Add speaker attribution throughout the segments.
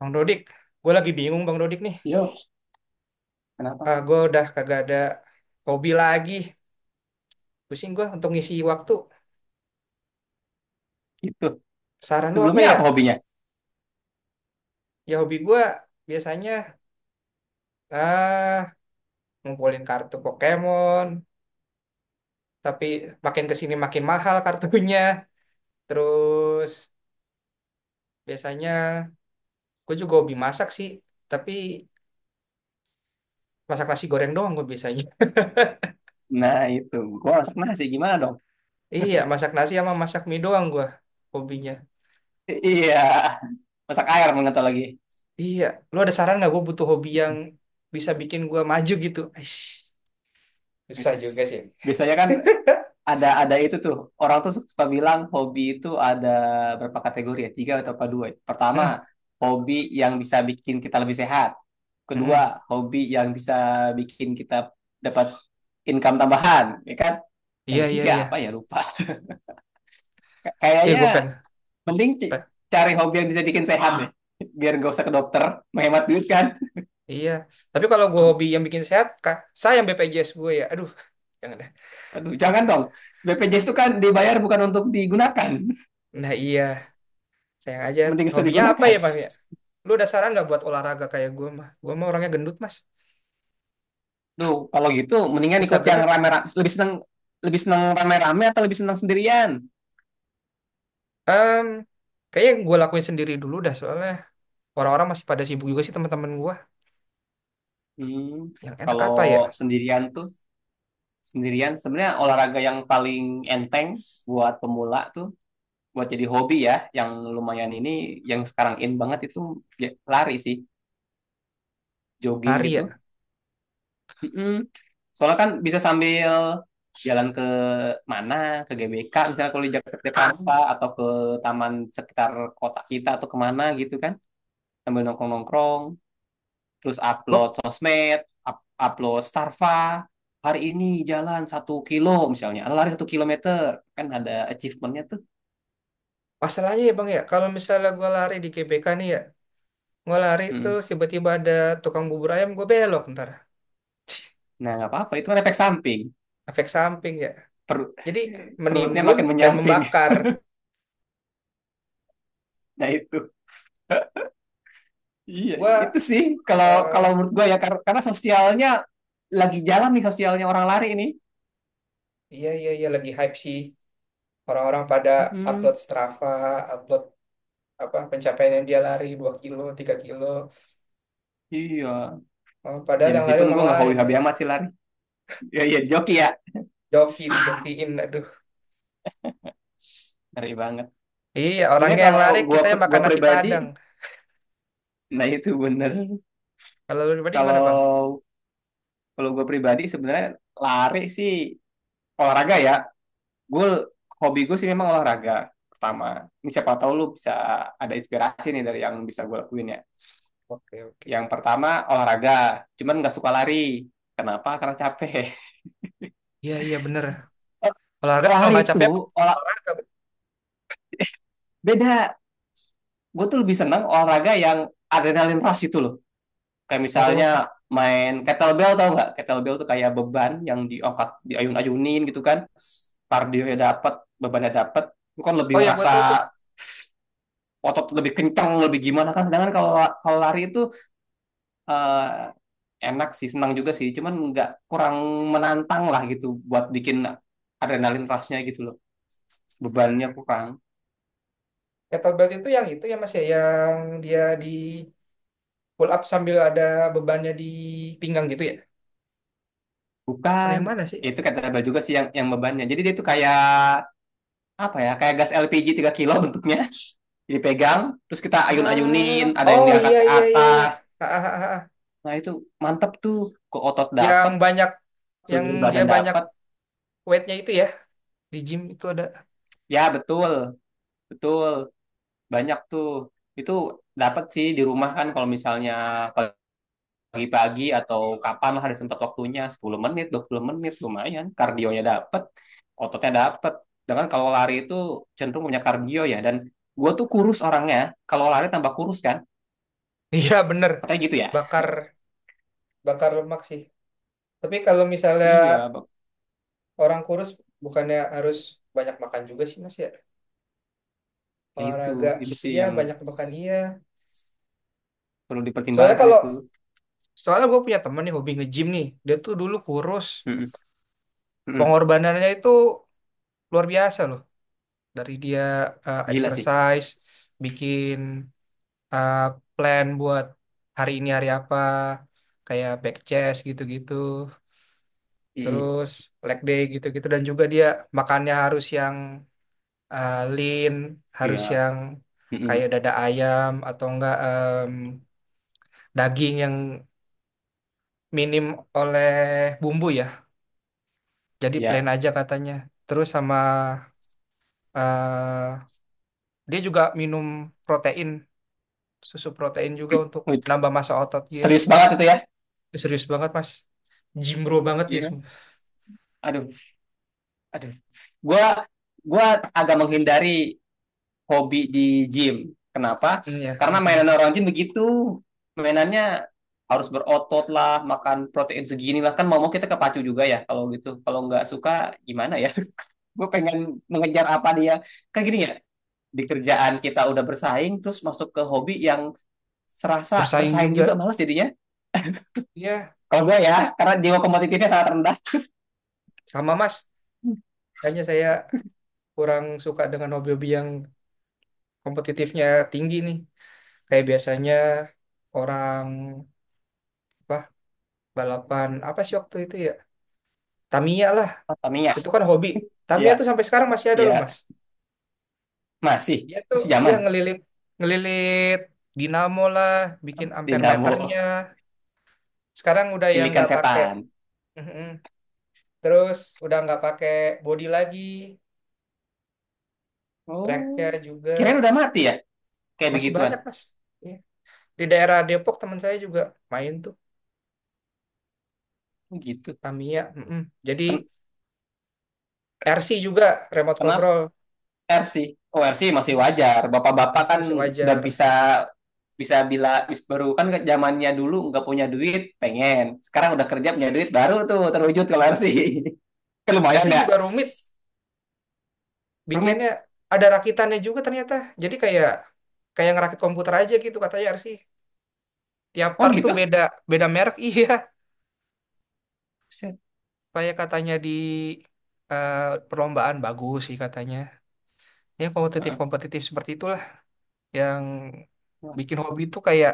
Speaker 1: Bang Dodik, gue lagi bingung Bang Dodik nih.
Speaker 2: Yo,
Speaker 1: Ah,
Speaker 2: kenapa?
Speaker 1: gue udah kagak ada hobi lagi. Pusing gue untuk ngisi waktu.
Speaker 2: Gitu.
Speaker 1: Saran lu apa
Speaker 2: Sebelumnya
Speaker 1: ya?
Speaker 2: apa hobinya?
Speaker 1: Ya hobi gue biasanya ah ngumpulin kartu Pokemon, tapi makin kesini makin mahal kartunya. Terus biasanya gue juga hobi masak sih, tapi masak nasi goreng doang gue biasanya.
Speaker 2: Nah, itu. Gua masak nasi gimana dong?
Speaker 1: Iya, masak nasi sama masak mie doang gue hobinya.
Speaker 2: Iya. Masak air mengental lagi.
Speaker 1: Iya, lu ada saran nggak gue butuh hobi yang bisa bikin gue maju gitu? Aish. Susah
Speaker 2: Wis.
Speaker 1: juga sih.
Speaker 2: Biasanya kan ada itu tuh. Orang tuh suka bilang hobi itu ada berapa kategori ya? Tiga atau apa dua? Ya? Pertama,
Speaker 1: Mm,
Speaker 2: hobi yang bisa bikin kita lebih sehat.
Speaker 1: mm,
Speaker 2: Kedua,
Speaker 1: mm.
Speaker 2: hobi yang bisa bikin kita dapat income tambahan, ya kan? Yang
Speaker 1: Iya, iya,
Speaker 2: ketiga apa
Speaker 1: iya.
Speaker 2: ya lupa.
Speaker 1: Eh, gue
Speaker 2: Kayaknya
Speaker 1: pengen.
Speaker 2: mending
Speaker 1: pe-
Speaker 2: cari hobi yang bisa bikin sehat deh. Biar gak usah ke dokter, menghemat duit kan.
Speaker 1: Iya. Tapi kalau gue hobi yang bikin sehat, kah? Sayang BPJS gue ya. Aduh, jangan deh.
Speaker 2: Aduh, jangan dong. BPJS itu kan dibayar bukan untuk digunakan.
Speaker 1: Nah, iya. Sayang aja.
Speaker 2: Mending usah
Speaker 1: Hobinya apa
Speaker 2: digunakan.
Speaker 1: ya, Mas? Ya? Lu ada saran nggak buat olahraga kayak gue, mah? Gue mah orangnya gendut, Mas.
Speaker 2: Duh, kalau gitu mendingan
Speaker 1: Susah
Speaker 2: ikut yang
Speaker 1: gerak.
Speaker 2: rame-rame. Lebih seneng rame-rame atau lebih seneng sendirian?
Speaker 1: Em, kayaknya yang gue lakuin sendiri dulu dah, soalnya orang-orang masih pada sibuk juga sih teman-teman gue.
Speaker 2: Hmm,
Speaker 1: Yang enak
Speaker 2: kalau
Speaker 1: apa ya?
Speaker 2: sendirian tuh sendirian sebenarnya olahraga yang paling enteng buat pemula tuh buat jadi hobi ya yang lumayan ini yang sekarang in banget itu ya, lari sih jogging
Speaker 1: Lari
Speaker 2: gitu.
Speaker 1: ya.
Speaker 2: Mm-mm. Soalnya kan bisa sambil jalan ke mana, ke GBK, misalnya kalau di Jakarta atau ke taman sekitar kota kita atau kemana gitu kan, sambil nongkrong-nongkrong, terus upload
Speaker 1: Gue
Speaker 2: sosmed, upload Starva, hari ini jalan 1 kilo misalnya, lari 1 kilometer, kan ada achievementnya tuh.
Speaker 1: Masalahnya ya, Bang, ya. Kalau misalnya gue lari di GBK nih ya, gue lari
Speaker 2: Mm.
Speaker 1: terus tiba-tiba ada tukang bubur ayam, gue belok ntar.
Speaker 2: Nah, nggak apa-apa, itu kan efek samping.
Speaker 1: Efek samping ya.
Speaker 2: Perut,
Speaker 1: Jadi
Speaker 2: perutnya
Speaker 1: menimbun
Speaker 2: makin
Speaker 1: dan
Speaker 2: menyamping,
Speaker 1: membakar.
Speaker 2: nah itu. Iya,
Speaker 1: Gua
Speaker 2: itu sih kalau kalau
Speaker 1: eh
Speaker 2: menurut gue ya karena sosialnya lagi jalan nih sosialnya orang lari ini.
Speaker 1: iya, iya, iya, lagi hype sih, orang-orang pada upload
Speaker 2: Mm-mm,
Speaker 1: Strava, upload apa pencapaian yang dia lari 2 kilo, 3 kilo.
Speaker 2: iya.
Speaker 1: Eh, padahal
Speaker 2: Ya
Speaker 1: yang lari
Speaker 2: meskipun
Speaker 1: orang
Speaker 2: gue nggak
Speaker 1: lain ya.
Speaker 2: hobi-hobi amat sih lari. Ya iya joki ya.
Speaker 1: Joki
Speaker 2: Ah,
Speaker 1: dijokiin aduh.
Speaker 2: ngeri banget.
Speaker 1: Iya,
Speaker 2: Sebenarnya
Speaker 1: orangnya yang
Speaker 2: kalau
Speaker 1: lari kita yang makan
Speaker 2: gue
Speaker 1: nasi
Speaker 2: pribadi,
Speaker 1: Padang.
Speaker 2: nah itu bener.
Speaker 1: Kalau lu pribadi gimana, Bang?
Speaker 2: Kalau kalau gue pribadi sebenarnya lari sih olahraga ya. Gue hobi gue sih memang olahraga pertama. Ini siapa tahu lu bisa ada inspirasi nih dari yang bisa gue lakuin ya.
Speaker 1: Oke, oke.
Speaker 2: Yang pertama olahraga, cuman nggak suka lari. Kenapa? Karena capek.
Speaker 1: Iya, iya bener.
Speaker 2: Eh,
Speaker 1: Olahraga kalau
Speaker 2: Lari
Speaker 1: nggak
Speaker 2: itu
Speaker 1: capek apa?
Speaker 2: olah
Speaker 1: Olahraga, Bang.
Speaker 2: beda. Gue tuh lebih seneng olahraga yang adrenalin rush itu loh. Kayak misalnya
Speaker 1: Oh.
Speaker 2: main kettlebell tau nggak? Kettlebell tuh kayak beban yang diangkat, diayun-ayunin gitu kan. Kardionya dapet, bebannya dapat gue kan
Speaker 1: Oh
Speaker 2: lebih
Speaker 1: ya, gua
Speaker 2: ngerasa
Speaker 1: tahu tuh.
Speaker 2: otot lebih kencang, lebih gimana kan. Sedangkan kalau kalau lari itu eh, enak sih, senang juga sih. Cuman nggak kurang menantang lah gitu buat bikin adrenalin rush-nya gitu loh. Bebannya aku kan
Speaker 1: Kettlebell itu yang itu ya Mas ya, yang dia di pull up sambil ada bebannya di pinggang gitu ya, apa
Speaker 2: bukan.
Speaker 1: yang mana sih,
Speaker 2: Ya itu kata abah juga sih yang bebannya jadi dia tuh kayak apa ya kayak gas LPG 3 kilo bentuknya dipegang terus kita
Speaker 1: ah,
Speaker 2: ayun-ayunin ada yang
Speaker 1: oh, iya,
Speaker 2: diangkat ke
Speaker 1: iya, iya, iya,
Speaker 2: atas
Speaker 1: ah, ah, ah, ah.
Speaker 2: nah itu mantep tuh ke otot
Speaker 1: Yang
Speaker 2: dapat
Speaker 1: banyak, yang
Speaker 2: seluruh
Speaker 1: dia
Speaker 2: badan
Speaker 1: banyak
Speaker 2: dapat
Speaker 1: weightnya itu ya di gym itu ada.
Speaker 2: ya betul betul banyak tuh itu dapat sih di rumah kan kalau misalnya kalau pagi-pagi atau kapan lah ada sempat waktunya 10 menit 20 menit lumayan kardionya dapat ototnya dapat dengan kalau lari itu cenderung punya kardio ya dan gue tuh kurus orangnya kalau lari tambah kurus kan
Speaker 1: Iya bener.
Speaker 2: katanya gitu ya
Speaker 1: Bakar, bakar lemak sih, tapi kalau misalnya
Speaker 2: iya.
Speaker 1: orang kurus bukannya harus banyak makan juga sih mas ya
Speaker 2: Nah,
Speaker 1: olahraga.
Speaker 2: itu sih
Speaker 1: Iya,
Speaker 2: yang
Speaker 1: banyak makan iya.
Speaker 2: perlu
Speaker 1: soalnya
Speaker 2: dipertimbangkan
Speaker 1: kalau
Speaker 2: itu.
Speaker 1: soalnya gue punya temen nih hobi nge-gym nih, dia tuh dulu kurus.
Speaker 2: Mm-mm. Mm-mm.
Speaker 1: Pengorbanannya itu luar biasa loh. Dari dia
Speaker 2: Gila sih.
Speaker 1: exercise, bikin eh, plan buat hari ini hari apa, kayak back chest gitu-gitu,
Speaker 2: Mm-mm.
Speaker 1: terus leg day gitu-gitu, dan juga dia makannya harus yang lean,
Speaker 2: Iya.
Speaker 1: harus yang kayak
Speaker 2: Mm-mm.
Speaker 1: dada ayam atau enggak daging yang minim oleh bumbu ya. Jadi
Speaker 2: Iya.
Speaker 1: plain aja katanya. Terus sama eh, dia juga minum protein, susu protein juga untuk
Speaker 2: Wih,
Speaker 1: nambah massa otot dia.
Speaker 2: serius banget itu ya.
Speaker 1: Dia serius banget mas, jimbro banget dia
Speaker 2: Iya.
Speaker 1: semua.
Speaker 2: Aduh, aduh, gue gue agak menghindari hobi di gym. Kenapa?
Speaker 1: Hmm, ya,
Speaker 2: Karena
Speaker 1: kenapa
Speaker 2: mainan
Speaker 1: mas?
Speaker 2: orang gym begitu. Mainannya harus berotot lah, makan protein segini lah. Kan mau-mau kita kepacu juga ya kalau gitu. Kalau nggak suka gimana ya? Gue pengen mengejar apa dia. Kan gini ya, di kerjaan kita udah bersaing, terus masuk ke hobi yang serasa
Speaker 1: Bersaing
Speaker 2: bersaing
Speaker 1: juga.
Speaker 2: juga malas jadinya.
Speaker 1: Ya,
Speaker 2: Kalau gue ya, karena jiwa kompetitifnya sangat rendah.
Speaker 1: sama mas. Kayaknya saya kurang suka dengan hobi-hobi yang kompetitifnya tinggi nih. Kayak biasanya orang apa balapan apa sih waktu itu ya? Tamiya lah,
Speaker 2: Oh, Tamiya,
Speaker 1: itu kan hobi. Tamiya
Speaker 2: ya,
Speaker 1: tuh sampai sekarang masih ada loh
Speaker 2: ya.
Speaker 1: mas.
Speaker 2: Masih,
Speaker 1: Dia tuh
Speaker 2: masih
Speaker 1: ya
Speaker 2: zaman.
Speaker 1: ngelilit ngelilit dinamo lah, bikin
Speaker 2: Dinamo,
Speaker 1: ampermeternya. Sekarang udah yang
Speaker 2: kilikan
Speaker 1: nggak pakai.
Speaker 2: setan.
Speaker 1: Mhm. Terus udah nggak pakai body lagi, tracknya
Speaker 2: Oh,
Speaker 1: juga
Speaker 2: kirain udah mati ya? Kayak
Speaker 1: masih
Speaker 2: begituan.
Speaker 1: banyak mas. Iya. Di daerah Depok teman saya juga main tuh
Speaker 2: Oh, gitu.
Speaker 1: Tamiya. Mm-mm. Jadi
Speaker 2: Ken-
Speaker 1: RC juga, remote
Speaker 2: Kenapa
Speaker 1: control.
Speaker 2: RC? Oh, RC masih wajar bapak-bapak
Speaker 1: RC
Speaker 2: kan
Speaker 1: masih
Speaker 2: udah
Speaker 1: wajar.
Speaker 2: bisa bisa bila bis- baru kan zamannya dulu nggak punya duit pengen sekarang udah kerja punya duit baru tuh terwujud kalau RC kan
Speaker 1: RC
Speaker 2: lumayan ya.
Speaker 1: juga rumit bikinnya,
Speaker 2: Rumit.
Speaker 1: ada rakitannya juga ternyata. Jadi kayak kayak ngerakit komputer aja gitu katanya RC. Tiap
Speaker 2: Oh
Speaker 1: part tuh
Speaker 2: gitu.
Speaker 1: beda beda merek. Iya. Kayak katanya di eh, perlombaan bagus sih katanya. Ya kompetitif kompetitif seperti itulah yang
Speaker 2: Wah,
Speaker 1: bikin hobi itu kayak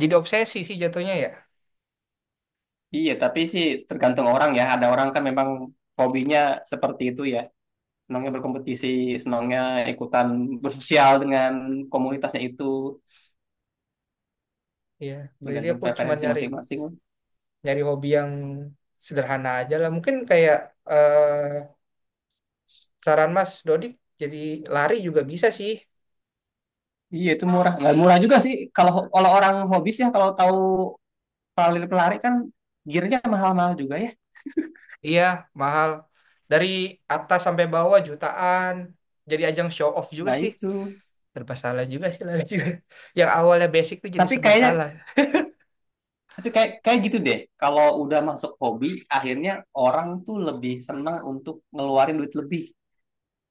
Speaker 1: jadi obsesi sih jatuhnya ya.
Speaker 2: iya tapi sih tergantung orang ya ada orang kan memang hobinya seperti itu ya senangnya berkompetisi senangnya ikutan bersosial dengan komunitasnya itu
Speaker 1: Iya, jadi
Speaker 2: tergantung
Speaker 1: aku cuma
Speaker 2: preferensi
Speaker 1: nyari
Speaker 2: masing-masing.
Speaker 1: nyari hobi yang sederhana aja lah. Mungkin kayak eh, saran Mas Dodik, jadi lari juga bisa sih.
Speaker 2: Iya itu murah, nggak murah juga sih. Kalau kalau orang hobi sih, ya, kalau tahu pelari pelari kan gearnya mahal-mahal juga ya.
Speaker 1: Iya, mahal. Dari atas sampai bawah jutaan. Jadi ajang show off juga
Speaker 2: Nah
Speaker 1: sih.
Speaker 2: itu.
Speaker 1: Serba salah juga sih lari juga. Yang awalnya basic tuh jadi
Speaker 2: Tapi
Speaker 1: serba
Speaker 2: kayaknya,
Speaker 1: salah.
Speaker 2: tapi kayak kayak gitu deh. Kalau udah masuk hobi, akhirnya orang tuh lebih senang untuk ngeluarin duit lebih.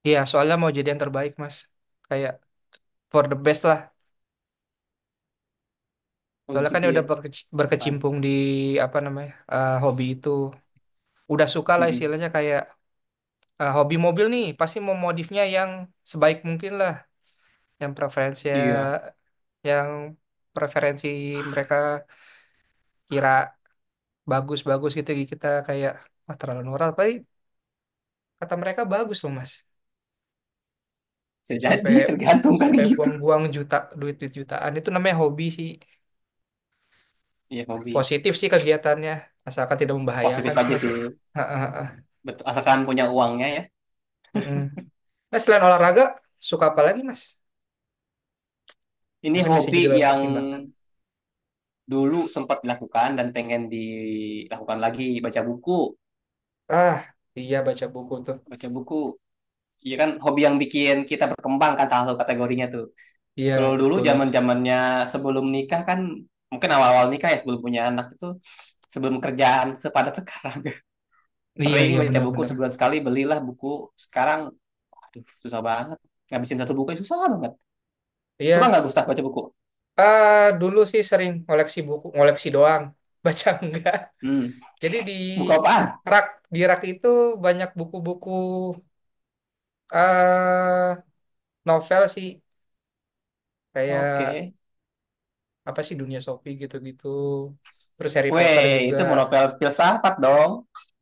Speaker 1: Iya, soalnya mau jadi yang terbaik, Mas. Kayak for the best lah.
Speaker 2: Oh
Speaker 1: Soalnya kan
Speaker 2: gitu
Speaker 1: ya
Speaker 2: ya.
Speaker 1: udah
Speaker 2: Man.
Speaker 1: berkecimpung di apa namanya hobi itu. Udah suka lah
Speaker 2: Mm-mm.
Speaker 1: istilahnya kayak hobi mobil nih pasti mau modifnya yang sebaik mungkin lah, yang preferensi
Speaker 2: Iya.
Speaker 1: yang preferensi mereka kira bagus-bagus gitu, kita kayak wah terlalu murah tapi kata mereka bagus loh mas.
Speaker 2: Bisa
Speaker 1: Sampai
Speaker 2: jadi tergantung kali
Speaker 1: sampai
Speaker 2: gitu.
Speaker 1: buang-buang juta, duit, duit jutaan itu namanya hobi sih.
Speaker 2: Iya hobi.
Speaker 1: Positif sih kegiatannya, asalkan tidak
Speaker 2: Positif
Speaker 1: membahayakan sih
Speaker 2: aja
Speaker 1: mas
Speaker 2: sih.
Speaker 1: ya. Ha, ha, ha.
Speaker 2: Betul. Asalkan punya uangnya ya.
Speaker 1: Mm-mm. Nah selain olahraga suka apa lagi mas,
Speaker 2: Ini
Speaker 1: mungkin bisa
Speaker 2: hobi
Speaker 1: jadi bahan
Speaker 2: yang
Speaker 1: pertimbangan.
Speaker 2: dulu sempat dilakukan dan pengen dilakukan lagi baca buku.
Speaker 1: Ah, iya, baca buku tuh.
Speaker 2: Baca buku, iya kan hobi yang bikin kita berkembang kan salah satu kategorinya tuh.
Speaker 1: Iya,
Speaker 2: Kalau dulu
Speaker 1: betul.
Speaker 2: zamannya sebelum nikah kan, mungkin awal-awal nikah ya sebelum punya anak itu, sebelum kerjaan sepadat sekarang.
Speaker 1: Iya,
Speaker 2: Sering
Speaker 1: iya
Speaker 2: baca buku
Speaker 1: benar-benar.
Speaker 2: sebulan sekali, belilah buku. Sekarang, aduh susah banget. Ngabisin satu buku ya susah banget. Suka
Speaker 1: Iya,
Speaker 2: nggak Gustaf baca buku?
Speaker 1: ah dulu sih sering ngoleksi buku, ngoleksi doang, baca enggak.
Speaker 2: Hmm.
Speaker 1: Jadi di
Speaker 2: Buku apaan?
Speaker 1: rak, di rak itu banyak buku-buku eh novel sih, kayak
Speaker 2: Oke.
Speaker 1: apa sih Dunia Sophie gitu-gitu. Terus Harry Potter
Speaker 2: Weh,
Speaker 1: juga.
Speaker 2: itu mau novel filsafat dong.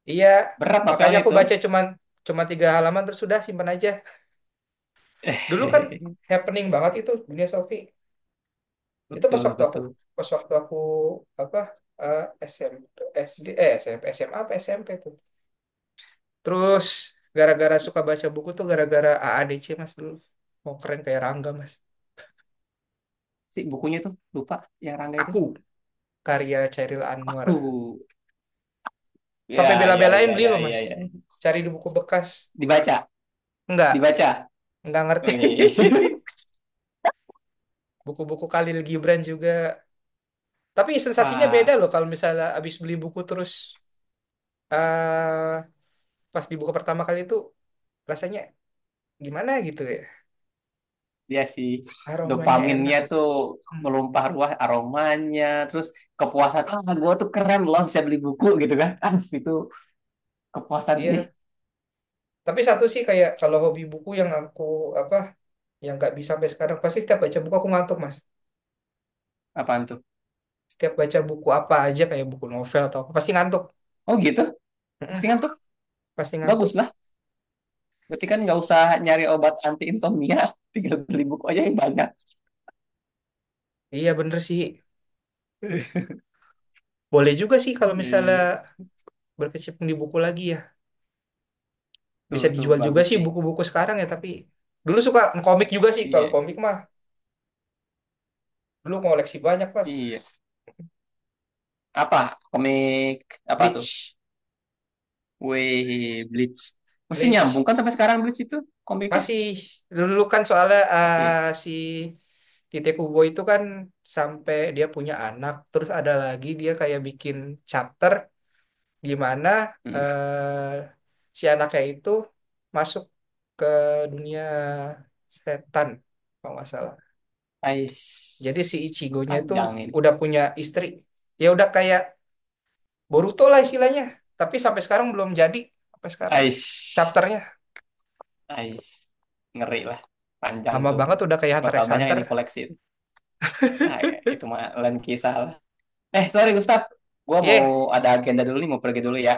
Speaker 1: Iya,
Speaker 2: Berat
Speaker 1: makanya
Speaker 2: novelnya
Speaker 1: aku
Speaker 2: itu.
Speaker 1: baca cuma 3 halaman terus sudah simpan aja. Dulu kan happening banget itu Dunia Sophie. Itu
Speaker 2: Betul, betul.
Speaker 1: pas waktu aku apa eh, SMP s SD eh SMP SMA apa SMP tuh. Terus gara-gara suka baca buku tuh gara-gara AADC Mas dulu. Mau keren kayak Rangga Mas.
Speaker 2: Si bukunya tuh, lupa yang Rangga itu.
Speaker 1: Aku karya Chairil Anwar.
Speaker 2: Aku.
Speaker 1: Sampai
Speaker 2: Ya, ya,
Speaker 1: bela-belain
Speaker 2: ya,
Speaker 1: beli
Speaker 2: ya,
Speaker 1: loh Mas.
Speaker 2: ya, ya.
Speaker 1: Cari di buku bekas.
Speaker 2: Dibaca,
Speaker 1: Enggak,
Speaker 2: dibaca.
Speaker 1: enggak ngerti.
Speaker 2: Wih.
Speaker 1: Buku-buku Khalil Gibran juga. Tapi sensasinya beda
Speaker 2: Wah,
Speaker 1: loh kalau misalnya abis beli buku terus eh pas dibuka pertama kali itu rasanya gimana gitu ya?
Speaker 2: dia sih
Speaker 1: Aromanya enak
Speaker 2: dopaminnya
Speaker 1: gitu.
Speaker 2: tuh
Speaker 1: Hmm,
Speaker 2: melumpah ruah aromanya, terus kepuasan, ah gue tuh keren loh bisa beli buku gitu kan. Ah, itu kepuasan sih.
Speaker 1: Iya, tapi satu sih kayak kalau hobi buku yang aku apa yang nggak bisa sampai sekarang, pasti setiap baca buku aku ngantuk mas.
Speaker 2: Apaan tuh?
Speaker 1: Setiap baca buku apa aja kayak buku novel atau apa pasti ngantuk.
Speaker 2: Oh gitu?
Speaker 1: Mm-mm,
Speaker 2: Mendingan tuh
Speaker 1: pasti ngantuk.
Speaker 2: bagus lah. Berarti kan nggak usah nyari obat anti insomnia, tinggal beli buku aja yang banyak.
Speaker 1: Iya bener sih. Boleh juga sih kalau
Speaker 2: Iya, iya,
Speaker 1: misalnya
Speaker 2: iya.
Speaker 1: berkecimpung di buku lagi ya.
Speaker 2: Tuh,
Speaker 1: Bisa
Speaker 2: tuh
Speaker 1: dijual juga
Speaker 2: bagus
Speaker 1: sih
Speaker 2: sih.
Speaker 1: buku-buku sekarang ya, tapi dulu suka komik juga sih, kalau
Speaker 2: Iya,
Speaker 1: komik mah dulu koleksi banyak mas.
Speaker 2: iya. Apa? Komik apa tuh?
Speaker 1: Bleach.
Speaker 2: Wih, Bleach. Masih nyambung
Speaker 1: Bleach.
Speaker 2: kan sampai sekarang Bleach itu komiknya?
Speaker 1: Masih dulu kan soalnya
Speaker 2: Masih ya?
Speaker 1: si Tite Kubo itu kan sampai dia punya anak, terus ada lagi dia kayak bikin chapter di mana
Speaker 2: Hmm.
Speaker 1: eh, si anaknya itu masuk ke dunia setan kalau nggak salah. Jadi
Speaker 2: Ais.
Speaker 1: si Ichigo-nya itu
Speaker 2: Panjang ini.
Speaker 1: udah punya istri. Ya udah kayak Boruto lah istilahnya, tapi sampai sekarang belum jadi sampai sekarang
Speaker 2: Ais.
Speaker 1: chapternya.
Speaker 2: Ais. Ngeri lah. Panjang
Speaker 1: Lama
Speaker 2: tuh.
Speaker 1: banget udah kayak Hunter
Speaker 2: Bakal
Speaker 1: x
Speaker 2: banyak
Speaker 1: Hunter.
Speaker 2: yang dikoleksi itu. Ah, ya, itu mah lain kisah lah. Eh, sorry Gustaf. Gua mau
Speaker 1: Yeh.
Speaker 2: ada agenda dulu nih, mau pergi dulu ya.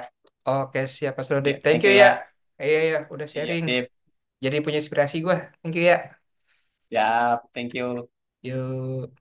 Speaker 1: Oke, siap Mas Rodik.
Speaker 2: Ya,
Speaker 1: Thank
Speaker 2: thank
Speaker 1: you
Speaker 2: you
Speaker 1: ya.
Speaker 2: ya.
Speaker 1: Iya, iya, udah
Speaker 2: Iya,
Speaker 1: sharing.
Speaker 2: sip.
Speaker 1: Jadi punya inspirasi gue. Thank you ya.
Speaker 2: Ya, thank you.
Speaker 1: Yuk.